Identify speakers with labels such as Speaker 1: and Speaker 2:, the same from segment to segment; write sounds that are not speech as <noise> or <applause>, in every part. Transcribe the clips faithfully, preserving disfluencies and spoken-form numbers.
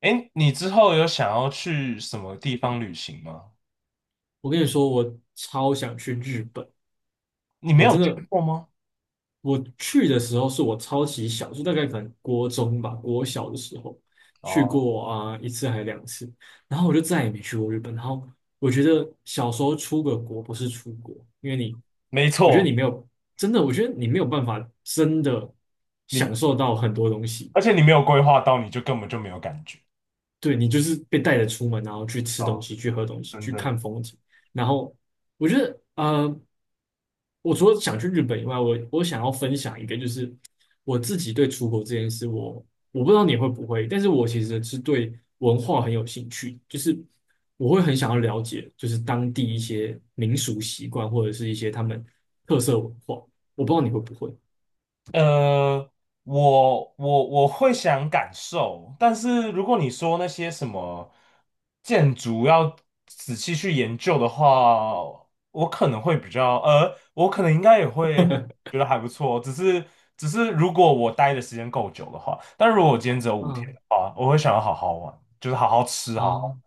Speaker 1: 哎，你之后有想要去什么地方旅行吗？
Speaker 2: 我跟你说，我超想去日本，
Speaker 1: 你没
Speaker 2: 我
Speaker 1: 有
Speaker 2: 真
Speaker 1: 去
Speaker 2: 的，
Speaker 1: 过吗？
Speaker 2: 我去的时候是我超级小，就大概可能国中吧，国小的时候去
Speaker 1: 哦，
Speaker 2: 过啊、一次还是两次，然后我就再也没去过日本。然后我觉得小时候出个国不是出国，因为你，
Speaker 1: 没
Speaker 2: 我觉得你
Speaker 1: 错，
Speaker 2: 没有真的，我觉得你没有办法真的享
Speaker 1: 你，
Speaker 2: 受到很多东西，
Speaker 1: 而且你没有规划到，你就根本就没有感觉。
Speaker 2: 对你就是被带着出门，然后去吃东
Speaker 1: 哦，
Speaker 2: 西、去喝东西、
Speaker 1: 真
Speaker 2: 去
Speaker 1: 的。
Speaker 2: 看风景，然后我觉得呃。我除了想去日本以外，我我想要分享一个，就是我自己对出国这件事，我我不知道你会不会，但是我其实是对文化很有兴趣，就是我会很想要了解，就是当地一些民俗习惯或者是一些他们特色文化，我不知道你会不会。
Speaker 1: 呃，我我我会想感受，但是如果你说那些什么建筑要仔细去研究的话，我可能会比较，呃，我可能应该也会觉得还不错，只是只是如果我待的时间够久的话，但如果我今天只有五天
Speaker 2: 嗯
Speaker 1: 的话，我会想要好好玩，就是好好吃，好好，
Speaker 2: 啊，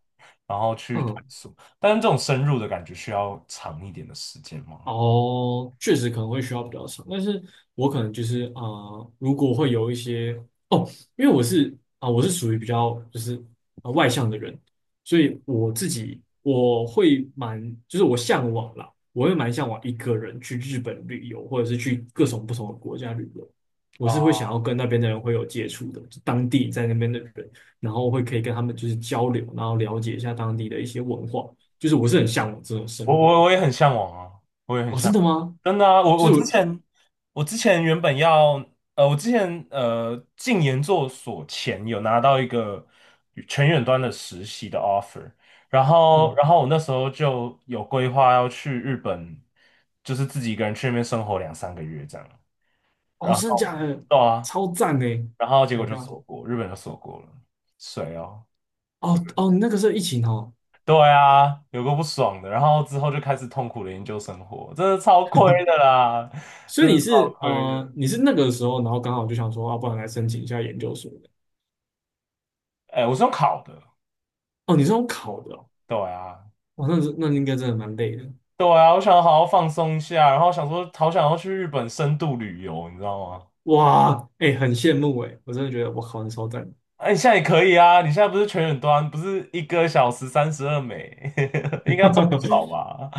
Speaker 1: 然后去探
Speaker 2: 嗯
Speaker 1: 索，但是这种深入的感觉需要长一点的时间吗？
Speaker 2: 哦，确实可能会需要比较长，但是我可能就是啊、呃如果会有一些哦，因为我是啊、我是属于比较就是啊、呃外向的人，所以我自己我会蛮就是我向往啦，我会蛮向往一个人去日本旅游，或者是去各种不同的国家旅游，我是会
Speaker 1: 啊。
Speaker 2: 想要跟那边的人会有接触的，就当地在那边的人，然后会可以跟他们就是交流，然后了解一下当地的一些文化，就是我是很向往这种
Speaker 1: 我
Speaker 2: 生活的。
Speaker 1: 我我也很向往啊，我也很
Speaker 2: 哦，
Speaker 1: 向
Speaker 2: 真的
Speaker 1: 往，
Speaker 2: 吗？
Speaker 1: 真的啊，我
Speaker 2: 就
Speaker 1: 我
Speaker 2: 是
Speaker 1: 之
Speaker 2: 我，
Speaker 1: 前我之前原本要呃，我之前呃进研究所前有拿到一个全远端的实习的 offer，然后
Speaker 2: 嗯，
Speaker 1: 然后我那时候就有规划要去日本，就是自己一个人去那边生活两三个月这样，
Speaker 2: 哦，
Speaker 1: 然
Speaker 2: 真的假
Speaker 1: 后
Speaker 2: 的？
Speaker 1: 对啊，
Speaker 2: 超赞的，Oh
Speaker 1: 然后结果
Speaker 2: ！My
Speaker 1: 就
Speaker 2: God！
Speaker 1: 锁国，日本就锁国了，谁哦？
Speaker 2: 哦哦，你那个时候疫情哦，
Speaker 1: 对啊，有个不爽的，然后之后就开始痛苦的研究生活，真的超亏的啦，
Speaker 2: 所以
Speaker 1: 真的
Speaker 2: 你
Speaker 1: 超
Speaker 2: 是
Speaker 1: 亏的。
Speaker 2: 呃，你是那个时候，然后刚好就想说，啊，不然来申请一下研究所的。
Speaker 1: 哎，我是用考的，
Speaker 2: 哦，你是用考的哦，
Speaker 1: 对啊，
Speaker 2: 哇，那是那应该真的蛮累的。
Speaker 1: 对啊，我想好好放松一下，然后想说好想要去日本深度旅游，你知道吗？
Speaker 2: 哇，哎、很羡慕哎，我真的觉得我考的超赞。
Speaker 1: 哎，你现在也可以啊，你现在不是全远端，不是一个小时三十二美，<laughs> 应该赚不少
Speaker 2: <laughs>
Speaker 1: 吧？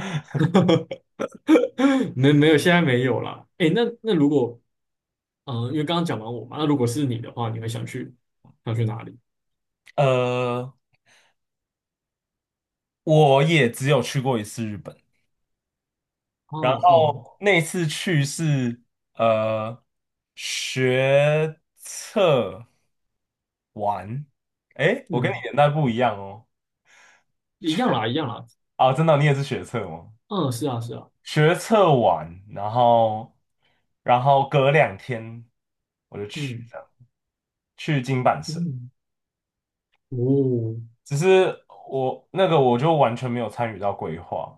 Speaker 2: 没没有，现在没有啦。哎、那那如果，嗯、因为刚刚讲完我嘛，那如果是你的话，你会想去想去哪里？
Speaker 1: <laughs> 呃，我也只有去过一次日本，
Speaker 2: 哦
Speaker 1: 然
Speaker 2: 哦，
Speaker 1: 后那次去是呃学测完，诶，我跟你
Speaker 2: 嗯，
Speaker 1: 年代不一样哦。
Speaker 2: 一
Speaker 1: 学
Speaker 2: 样啦，一样啦。
Speaker 1: 啊，真的，你也是学测吗？
Speaker 2: 嗯，是啊，是啊。
Speaker 1: 学测完，然后然后隔两天我就去
Speaker 2: 嗯
Speaker 1: 这样，去金板神。
Speaker 2: 嗯，哦
Speaker 1: 只是我那个我就完全没有参与到规划，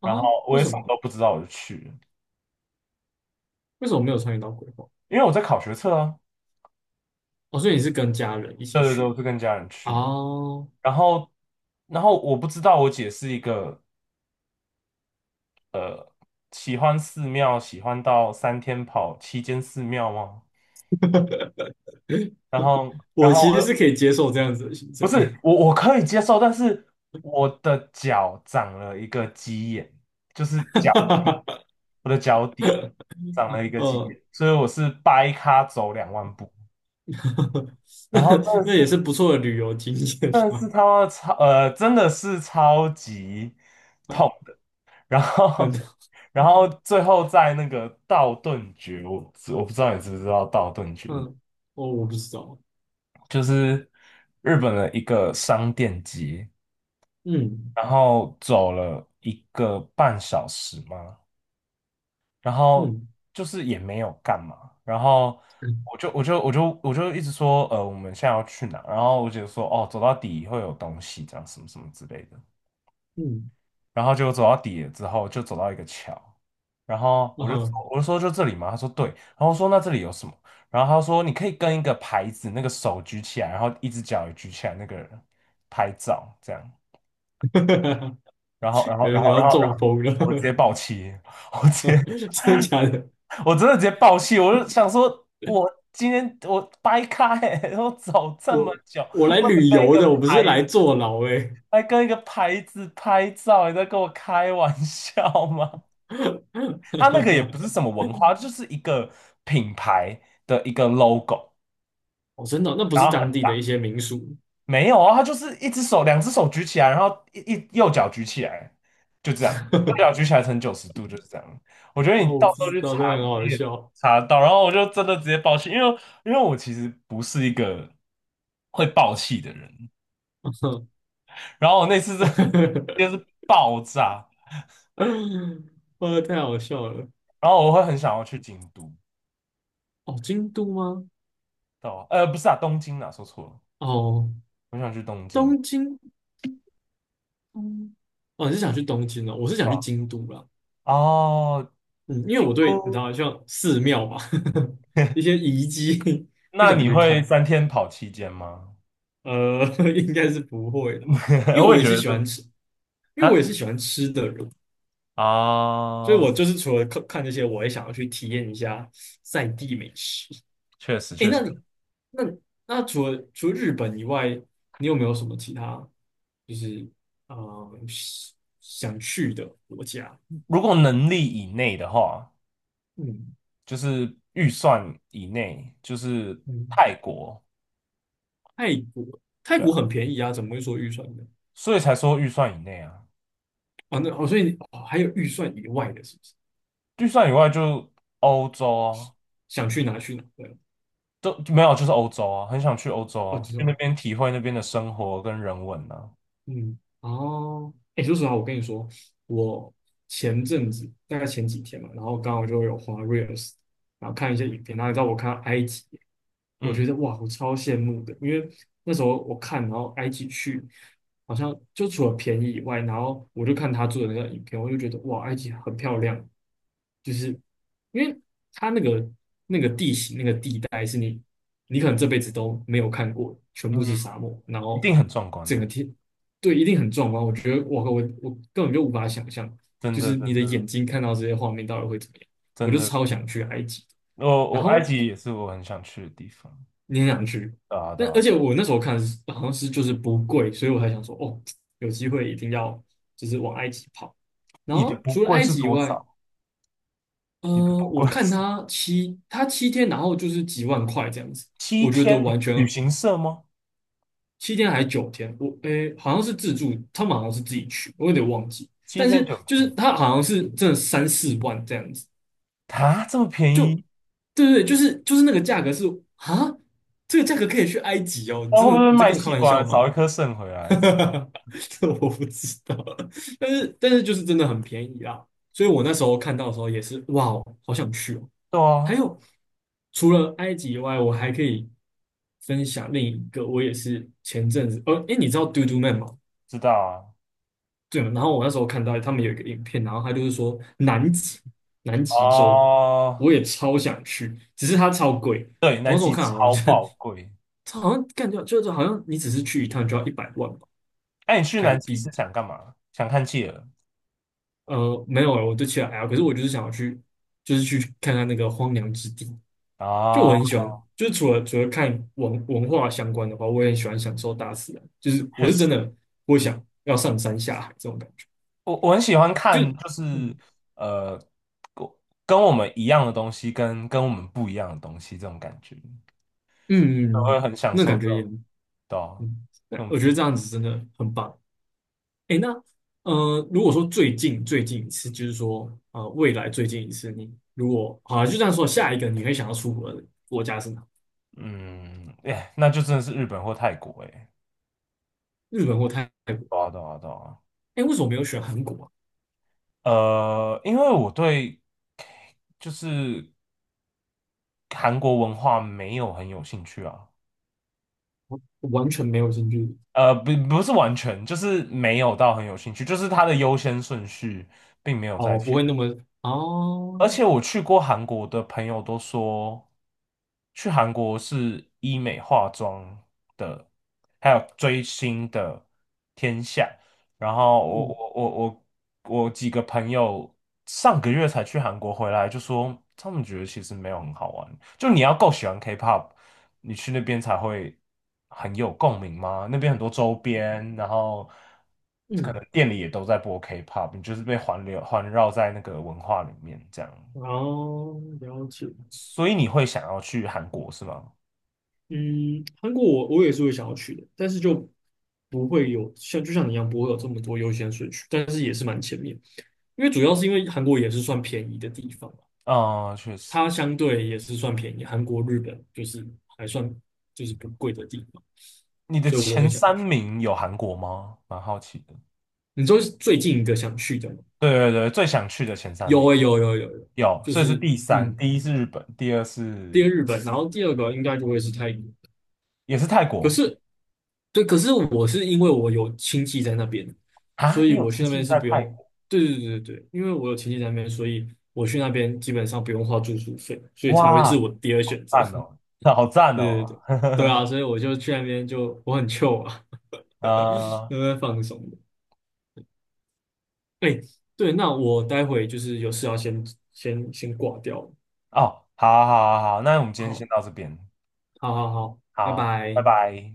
Speaker 2: 啊，
Speaker 1: 然后我
Speaker 2: 为
Speaker 1: 也
Speaker 2: 什
Speaker 1: 什么
Speaker 2: 么？
Speaker 1: 都不知道我就去了，
Speaker 2: 为什么没有参与到规划？
Speaker 1: 因为我在考学测啊。
Speaker 2: 哦，所以你是跟家人一起
Speaker 1: 对对对，我
Speaker 2: 去
Speaker 1: 是跟家人去。
Speaker 2: 哦。
Speaker 1: 然后，然后我不知道我姐是一个喜欢寺庙，喜欢到三天跑七间寺庙吗？
Speaker 2: <laughs>
Speaker 1: 然后 <laughs>，然
Speaker 2: 我
Speaker 1: 后
Speaker 2: 其
Speaker 1: 我
Speaker 2: 实是
Speaker 1: 的
Speaker 2: 可以接受这样子的行
Speaker 1: 不
Speaker 2: 程，
Speaker 1: 是我我可以接受，但是我的脚长了一个鸡眼，就是脚底，
Speaker 2: <laughs>
Speaker 1: 我的脚底长了一个鸡
Speaker 2: 嗯，
Speaker 1: 眼，所以我是掰咖走两万步。
Speaker 2: <laughs> 那
Speaker 1: 然后真的
Speaker 2: 那
Speaker 1: 是，
Speaker 2: 也是不错的旅游经验
Speaker 1: 真的是
Speaker 2: 啊，
Speaker 1: 他妈超，呃，真的是超级。
Speaker 2: <laughs>
Speaker 1: 然
Speaker 2: 很
Speaker 1: 后，<laughs> 然后最后在那个道顿崛，我我不知道你知不知道道顿崛，
Speaker 2: 嗯，哦，我不知道，
Speaker 1: 就是日本的一个商店街，
Speaker 2: 嗯
Speaker 1: 然后走了一个半小时嘛，然后
Speaker 2: 嗯
Speaker 1: 就是也没有干嘛，然后
Speaker 2: 嗯
Speaker 1: 我就我就我就我就一直说，呃，我们现在要去哪？然后我姐说，哦，走到底会有东西，这样什么什么之类的。
Speaker 2: 嗯，
Speaker 1: 然后就走到底了之后，就走到一个桥，然后我就说
Speaker 2: 啊，
Speaker 1: 我就说就这里吗？他说对，然后我说那这里有什么？然后他说你可以跟一个牌子，那个手举起来，然后一只脚也举起来，那个人拍照这样。
Speaker 2: <laughs> 感
Speaker 1: 然后然后
Speaker 2: 觉
Speaker 1: 然
Speaker 2: 你
Speaker 1: 后
Speaker 2: 要
Speaker 1: 然后然
Speaker 2: 中
Speaker 1: 后
Speaker 2: 风了，
Speaker 1: 我直接
Speaker 2: <laughs>
Speaker 1: 爆气，<laughs> 我直接
Speaker 2: 真的假的？
Speaker 1: 我真的直接爆气，我就想说我今天我掰开、欸，我走这么
Speaker 2: 我
Speaker 1: 久，为
Speaker 2: 我
Speaker 1: 了
Speaker 2: 来旅
Speaker 1: 跟一
Speaker 2: 游
Speaker 1: 个
Speaker 2: 的，我不是来
Speaker 1: 牌。
Speaker 2: 坐牢哎、欸。
Speaker 1: 还跟一个牌子拍照，你在跟我开玩笑吗？它那个也不是
Speaker 2: <laughs>
Speaker 1: 什么文化，就是一个品牌的一个 logo，
Speaker 2: 哦，真的哦那不
Speaker 1: 然
Speaker 2: 是
Speaker 1: 后很
Speaker 2: 当地的
Speaker 1: 大。
Speaker 2: 一些民俗
Speaker 1: 没有啊，它就是一只手、两只手举起来，然后一一右脚举起来，就这样，右脚
Speaker 2: <laughs>
Speaker 1: 举起来成九十度，就是这样。我觉得
Speaker 2: 哦，
Speaker 1: 你
Speaker 2: 我
Speaker 1: 到
Speaker 2: 不
Speaker 1: 时候
Speaker 2: 知
Speaker 1: 去
Speaker 2: 道，
Speaker 1: 查，
Speaker 2: 这很
Speaker 1: 你
Speaker 2: 好
Speaker 1: 也
Speaker 2: 笑，
Speaker 1: 查得到。然后我就真的直接爆气，因为因为我其实不是一个会爆气的人。然后我那次真的 <laughs> 就是
Speaker 2: <laughs>
Speaker 1: 爆炸，
Speaker 2: 哇，太好笑了。
Speaker 1: 然后我会很想要去京都，
Speaker 2: 哦，京都吗？
Speaker 1: 到呃不是啊，东京啊，说错了，
Speaker 2: 哦，
Speaker 1: 我想去东京。
Speaker 2: 东京。哦，你是想去东京哦？我是想去
Speaker 1: 啊。
Speaker 2: 京都啦。
Speaker 1: 哦，
Speaker 2: 嗯，因为
Speaker 1: 京
Speaker 2: 我对你知
Speaker 1: 都，
Speaker 2: 道，像寺庙嘛，<laughs> 一些
Speaker 1: <laughs>
Speaker 2: 遗迹 <laughs> 不
Speaker 1: 那
Speaker 2: 想
Speaker 1: 你
Speaker 2: 去
Speaker 1: 会
Speaker 2: 看。
Speaker 1: 三天跑七间吗？
Speaker 2: 呃，<laughs> 应该是不会的，因
Speaker 1: <laughs>
Speaker 2: 为
Speaker 1: 我
Speaker 2: 我
Speaker 1: 也
Speaker 2: 也
Speaker 1: 觉
Speaker 2: 是
Speaker 1: 得
Speaker 2: 喜欢
Speaker 1: 是
Speaker 2: 吃，因为
Speaker 1: 啊
Speaker 2: 我也是喜欢吃的人，所以
Speaker 1: 啊，
Speaker 2: 我就是除了看看这些，我也想要去体验一下在地美食。
Speaker 1: 确实
Speaker 2: 诶，
Speaker 1: 确
Speaker 2: 那
Speaker 1: 实，
Speaker 2: 你那你那除了除了日本以外，你有没有什么其他就是呃想想去的国家？
Speaker 1: 如果能力以内的话，
Speaker 2: 嗯
Speaker 1: 就是预算以内，就是
Speaker 2: 嗯，
Speaker 1: 泰国，
Speaker 2: 泰国泰
Speaker 1: 对啊，
Speaker 2: 国很便宜啊，怎么会说预算呢？
Speaker 1: 所以才说预算以内啊，
Speaker 2: 啊，那哦，所以你哦还有预算以外的，是不是？
Speaker 1: 预算以外就欧洲啊，
Speaker 2: 想去哪去哪？对啊
Speaker 1: 都没有就是欧洲啊，很想去欧洲
Speaker 2: 哦，
Speaker 1: 啊，
Speaker 2: 这
Speaker 1: 去那
Speaker 2: 种
Speaker 1: 边体会那边的生活跟人文啊，
Speaker 2: 嗯，哦，哎，说实话，我跟你说，我前阵子大概前几天嘛，然后刚好就有滑 Reels，然后看一些影片，然后你知道我看到埃及，我觉
Speaker 1: 嗯
Speaker 2: 得哇，我超羡慕的，因为那时候我看，然后埃及去，好像就除了便宜以外，然后我就看他做的那个影片，我就觉得哇，埃及很漂亮，就是因为它那个那个地形那个地带是你你可能这辈子都没有看过，全
Speaker 1: 嗯，
Speaker 2: 部是沙漠，然
Speaker 1: 一
Speaker 2: 后
Speaker 1: 定很壮观
Speaker 2: 整
Speaker 1: 啊，
Speaker 2: 个天对，一定很壮观。我觉得，我我我根本就无法想象，
Speaker 1: 真
Speaker 2: 就
Speaker 1: 的
Speaker 2: 是你
Speaker 1: 真
Speaker 2: 的眼
Speaker 1: 的
Speaker 2: 睛看到这些画面到底会怎么样。我
Speaker 1: 真
Speaker 2: 就
Speaker 1: 的。
Speaker 2: 超想去埃及，
Speaker 1: 我
Speaker 2: 然
Speaker 1: 我埃
Speaker 2: 后
Speaker 1: 及也是我很想去的地方。
Speaker 2: 你很想去，
Speaker 1: 对啊，对
Speaker 2: 但而
Speaker 1: 啊，
Speaker 2: 且我那时候看是好像是就是不贵，所以我才想说，哦，有机会一定要就是往埃及跑。然
Speaker 1: 你的
Speaker 2: 后
Speaker 1: 不
Speaker 2: 除了
Speaker 1: 贵
Speaker 2: 埃
Speaker 1: 是
Speaker 2: 及以
Speaker 1: 多
Speaker 2: 外，
Speaker 1: 少？
Speaker 2: 呃，
Speaker 1: 你的不
Speaker 2: 我
Speaker 1: 贵
Speaker 2: 看
Speaker 1: 是
Speaker 2: 他七他七天，然后就是几万块这样子，
Speaker 1: <laughs> 七
Speaker 2: 我觉得
Speaker 1: 天
Speaker 2: 完
Speaker 1: 旅
Speaker 2: 全
Speaker 1: 行社吗？
Speaker 2: 七天还是九天，我诶、好像是自助，他们好像是自己去，我有点忘记。
Speaker 1: 七
Speaker 2: 但
Speaker 1: 天
Speaker 2: 是
Speaker 1: 九
Speaker 2: 就是
Speaker 1: 天
Speaker 2: 他好像是真的三四万这样子，
Speaker 1: 啊，这么便
Speaker 2: 就
Speaker 1: 宜？
Speaker 2: 对对对，就是就是那个价格是啊，这个价格可以去埃及哦，你
Speaker 1: 那
Speaker 2: 真
Speaker 1: 会不
Speaker 2: 的
Speaker 1: 会
Speaker 2: 你在
Speaker 1: 卖
Speaker 2: 跟我开
Speaker 1: 器
Speaker 2: 玩
Speaker 1: 官，
Speaker 2: 笑
Speaker 1: 找一
Speaker 2: 吗？
Speaker 1: 颗肾回来？
Speaker 2: <laughs> 这我不知道，但是但是就是真的很便宜啦，所以我那时候看到的时候也是哇哦，好想去哦。
Speaker 1: 对
Speaker 2: 还
Speaker 1: 啊，
Speaker 2: 有除了埃及以外，我还可以分享另一个，我也是前阵子，呃，哎，你知道 Do Do Man 吗？
Speaker 1: 知道啊。
Speaker 2: 对，然后我那时候看到他们有一个影片，然后他就是说南极，南极洲，
Speaker 1: 哦，
Speaker 2: 我也超想去，只是它超贵。
Speaker 1: 对，
Speaker 2: 我
Speaker 1: 南
Speaker 2: 那时候
Speaker 1: 极
Speaker 2: 看好
Speaker 1: 超
Speaker 2: 像就
Speaker 1: 爆贵。
Speaker 2: <laughs> 它好像感觉就是好像你只是去一趟就要一百万吧
Speaker 1: 哎、你去
Speaker 2: 台
Speaker 1: 南极
Speaker 2: 币。
Speaker 1: 是想干嘛？想看企鹅
Speaker 2: 呃，没有了，我对其他还好可是我就是想要去，就是去看看那个荒凉之地。就
Speaker 1: 啊？
Speaker 2: 我很喜欢，就是除了除了看文文化相关的话，我也很喜欢享受大自然。就是我
Speaker 1: 确
Speaker 2: 是
Speaker 1: 实，
Speaker 2: 真的不想要上山下海这种感觉，
Speaker 1: 我我很喜欢
Speaker 2: 就
Speaker 1: 看，就是
Speaker 2: 嗯
Speaker 1: 呃，跟跟我们一样的东西跟跟我们不一样的东西，这种感觉，
Speaker 2: 嗯，嗯
Speaker 1: 我会
Speaker 2: 嗯
Speaker 1: 很享
Speaker 2: 那
Speaker 1: 受
Speaker 2: 感
Speaker 1: 这
Speaker 2: 觉也
Speaker 1: 种，对啊
Speaker 2: 嗯，
Speaker 1: 这
Speaker 2: 对，
Speaker 1: 种
Speaker 2: 我觉
Speaker 1: 比
Speaker 2: 得这
Speaker 1: 较。
Speaker 2: 样子真的很棒。哎，那呃，如果说最近最近一次，就是说呃，未来最近一次，你如果好就这样说，下一个你会想要出国的国家是哪？
Speaker 1: 嗯，哎，那就真的是日本或泰国，哎，
Speaker 2: 日本或泰泰国？
Speaker 1: 对啊，对啊，对啊。
Speaker 2: 哎，为什么没有选韩国啊？
Speaker 1: 呃，因为我对就是韩国文化没有很有兴趣啊，
Speaker 2: 我我完全没有兴趣。
Speaker 1: 呃，不不是完全，就是没有到很有兴趣，就是它的优先顺序并没有在
Speaker 2: 哦，
Speaker 1: 前。
Speaker 2: 不会那么哦，
Speaker 1: 而且我去过韩国的朋友都说，去韩国是医美化妆的，还有追星的天下。然后我
Speaker 2: 嗯
Speaker 1: 我我我我几个朋友上个月才去韩国回来，就说他们觉得其实没有很好玩。就你要够喜欢 K-pop，你去那边才会很有共鸣吗？那边很多周边，然后可能
Speaker 2: 嗯，
Speaker 1: 店里也都在播 K-pop，你就是被环流环绕在那个文化里面这样，
Speaker 2: 哦，了解。
Speaker 1: 所以你会想要去韩国是吗？
Speaker 2: 嗯，韩国我我也是会想要去的，但是就不会有像就像你一样不会有这么多优先顺序，但是也是蛮前面，因为主要是因为韩国也是算便宜的地方嘛，
Speaker 1: 啊、确实。
Speaker 2: 它相对也是算便宜，韩国、日本就是还算就是不贵的地方，
Speaker 1: 你的
Speaker 2: 所以我会
Speaker 1: 前
Speaker 2: 想
Speaker 1: 三
Speaker 2: 去。
Speaker 1: 名有韩国吗？蛮好奇的。
Speaker 2: 你说是最近一个想去的吗？
Speaker 1: 对对对，最想去的前三
Speaker 2: 有
Speaker 1: 名。
Speaker 2: 诶、有有有有，
Speaker 1: 有，
Speaker 2: 就
Speaker 1: 所以是
Speaker 2: 是
Speaker 1: 第三，
Speaker 2: 嗯，
Speaker 1: 第一是日本，第二
Speaker 2: 第一
Speaker 1: 是
Speaker 2: 个日本，然后第二个应该就会是泰国，
Speaker 1: 也是泰
Speaker 2: 可
Speaker 1: 国
Speaker 2: 是。对，可是我是因为我有亲戚在那边，所
Speaker 1: 啊。你
Speaker 2: 以
Speaker 1: 有
Speaker 2: 我去
Speaker 1: 亲
Speaker 2: 那
Speaker 1: 戚
Speaker 2: 边是
Speaker 1: 在
Speaker 2: 不
Speaker 1: 泰
Speaker 2: 用。
Speaker 1: 国？
Speaker 2: 对对对对对，因为我有亲戚在那边，所以我去那边基本上不用花住宿费，所以才会是
Speaker 1: 哇，
Speaker 2: 我第二选择。
Speaker 1: 赞哦，好
Speaker 2: <laughs>
Speaker 1: 赞
Speaker 2: 对对
Speaker 1: 哦。
Speaker 2: 对，对啊，所以我就去那边就我很 c 啊，<laughs>
Speaker 1: 呃，
Speaker 2: 那边放松的。哎，对，那我待会就是有事要先先先挂掉了
Speaker 1: 哦，好好，好啊好啊那我们今天先到这边，
Speaker 2: 好好好好，拜
Speaker 1: 好，拜
Speaker 2: 拜。
Speaker 1: 拜。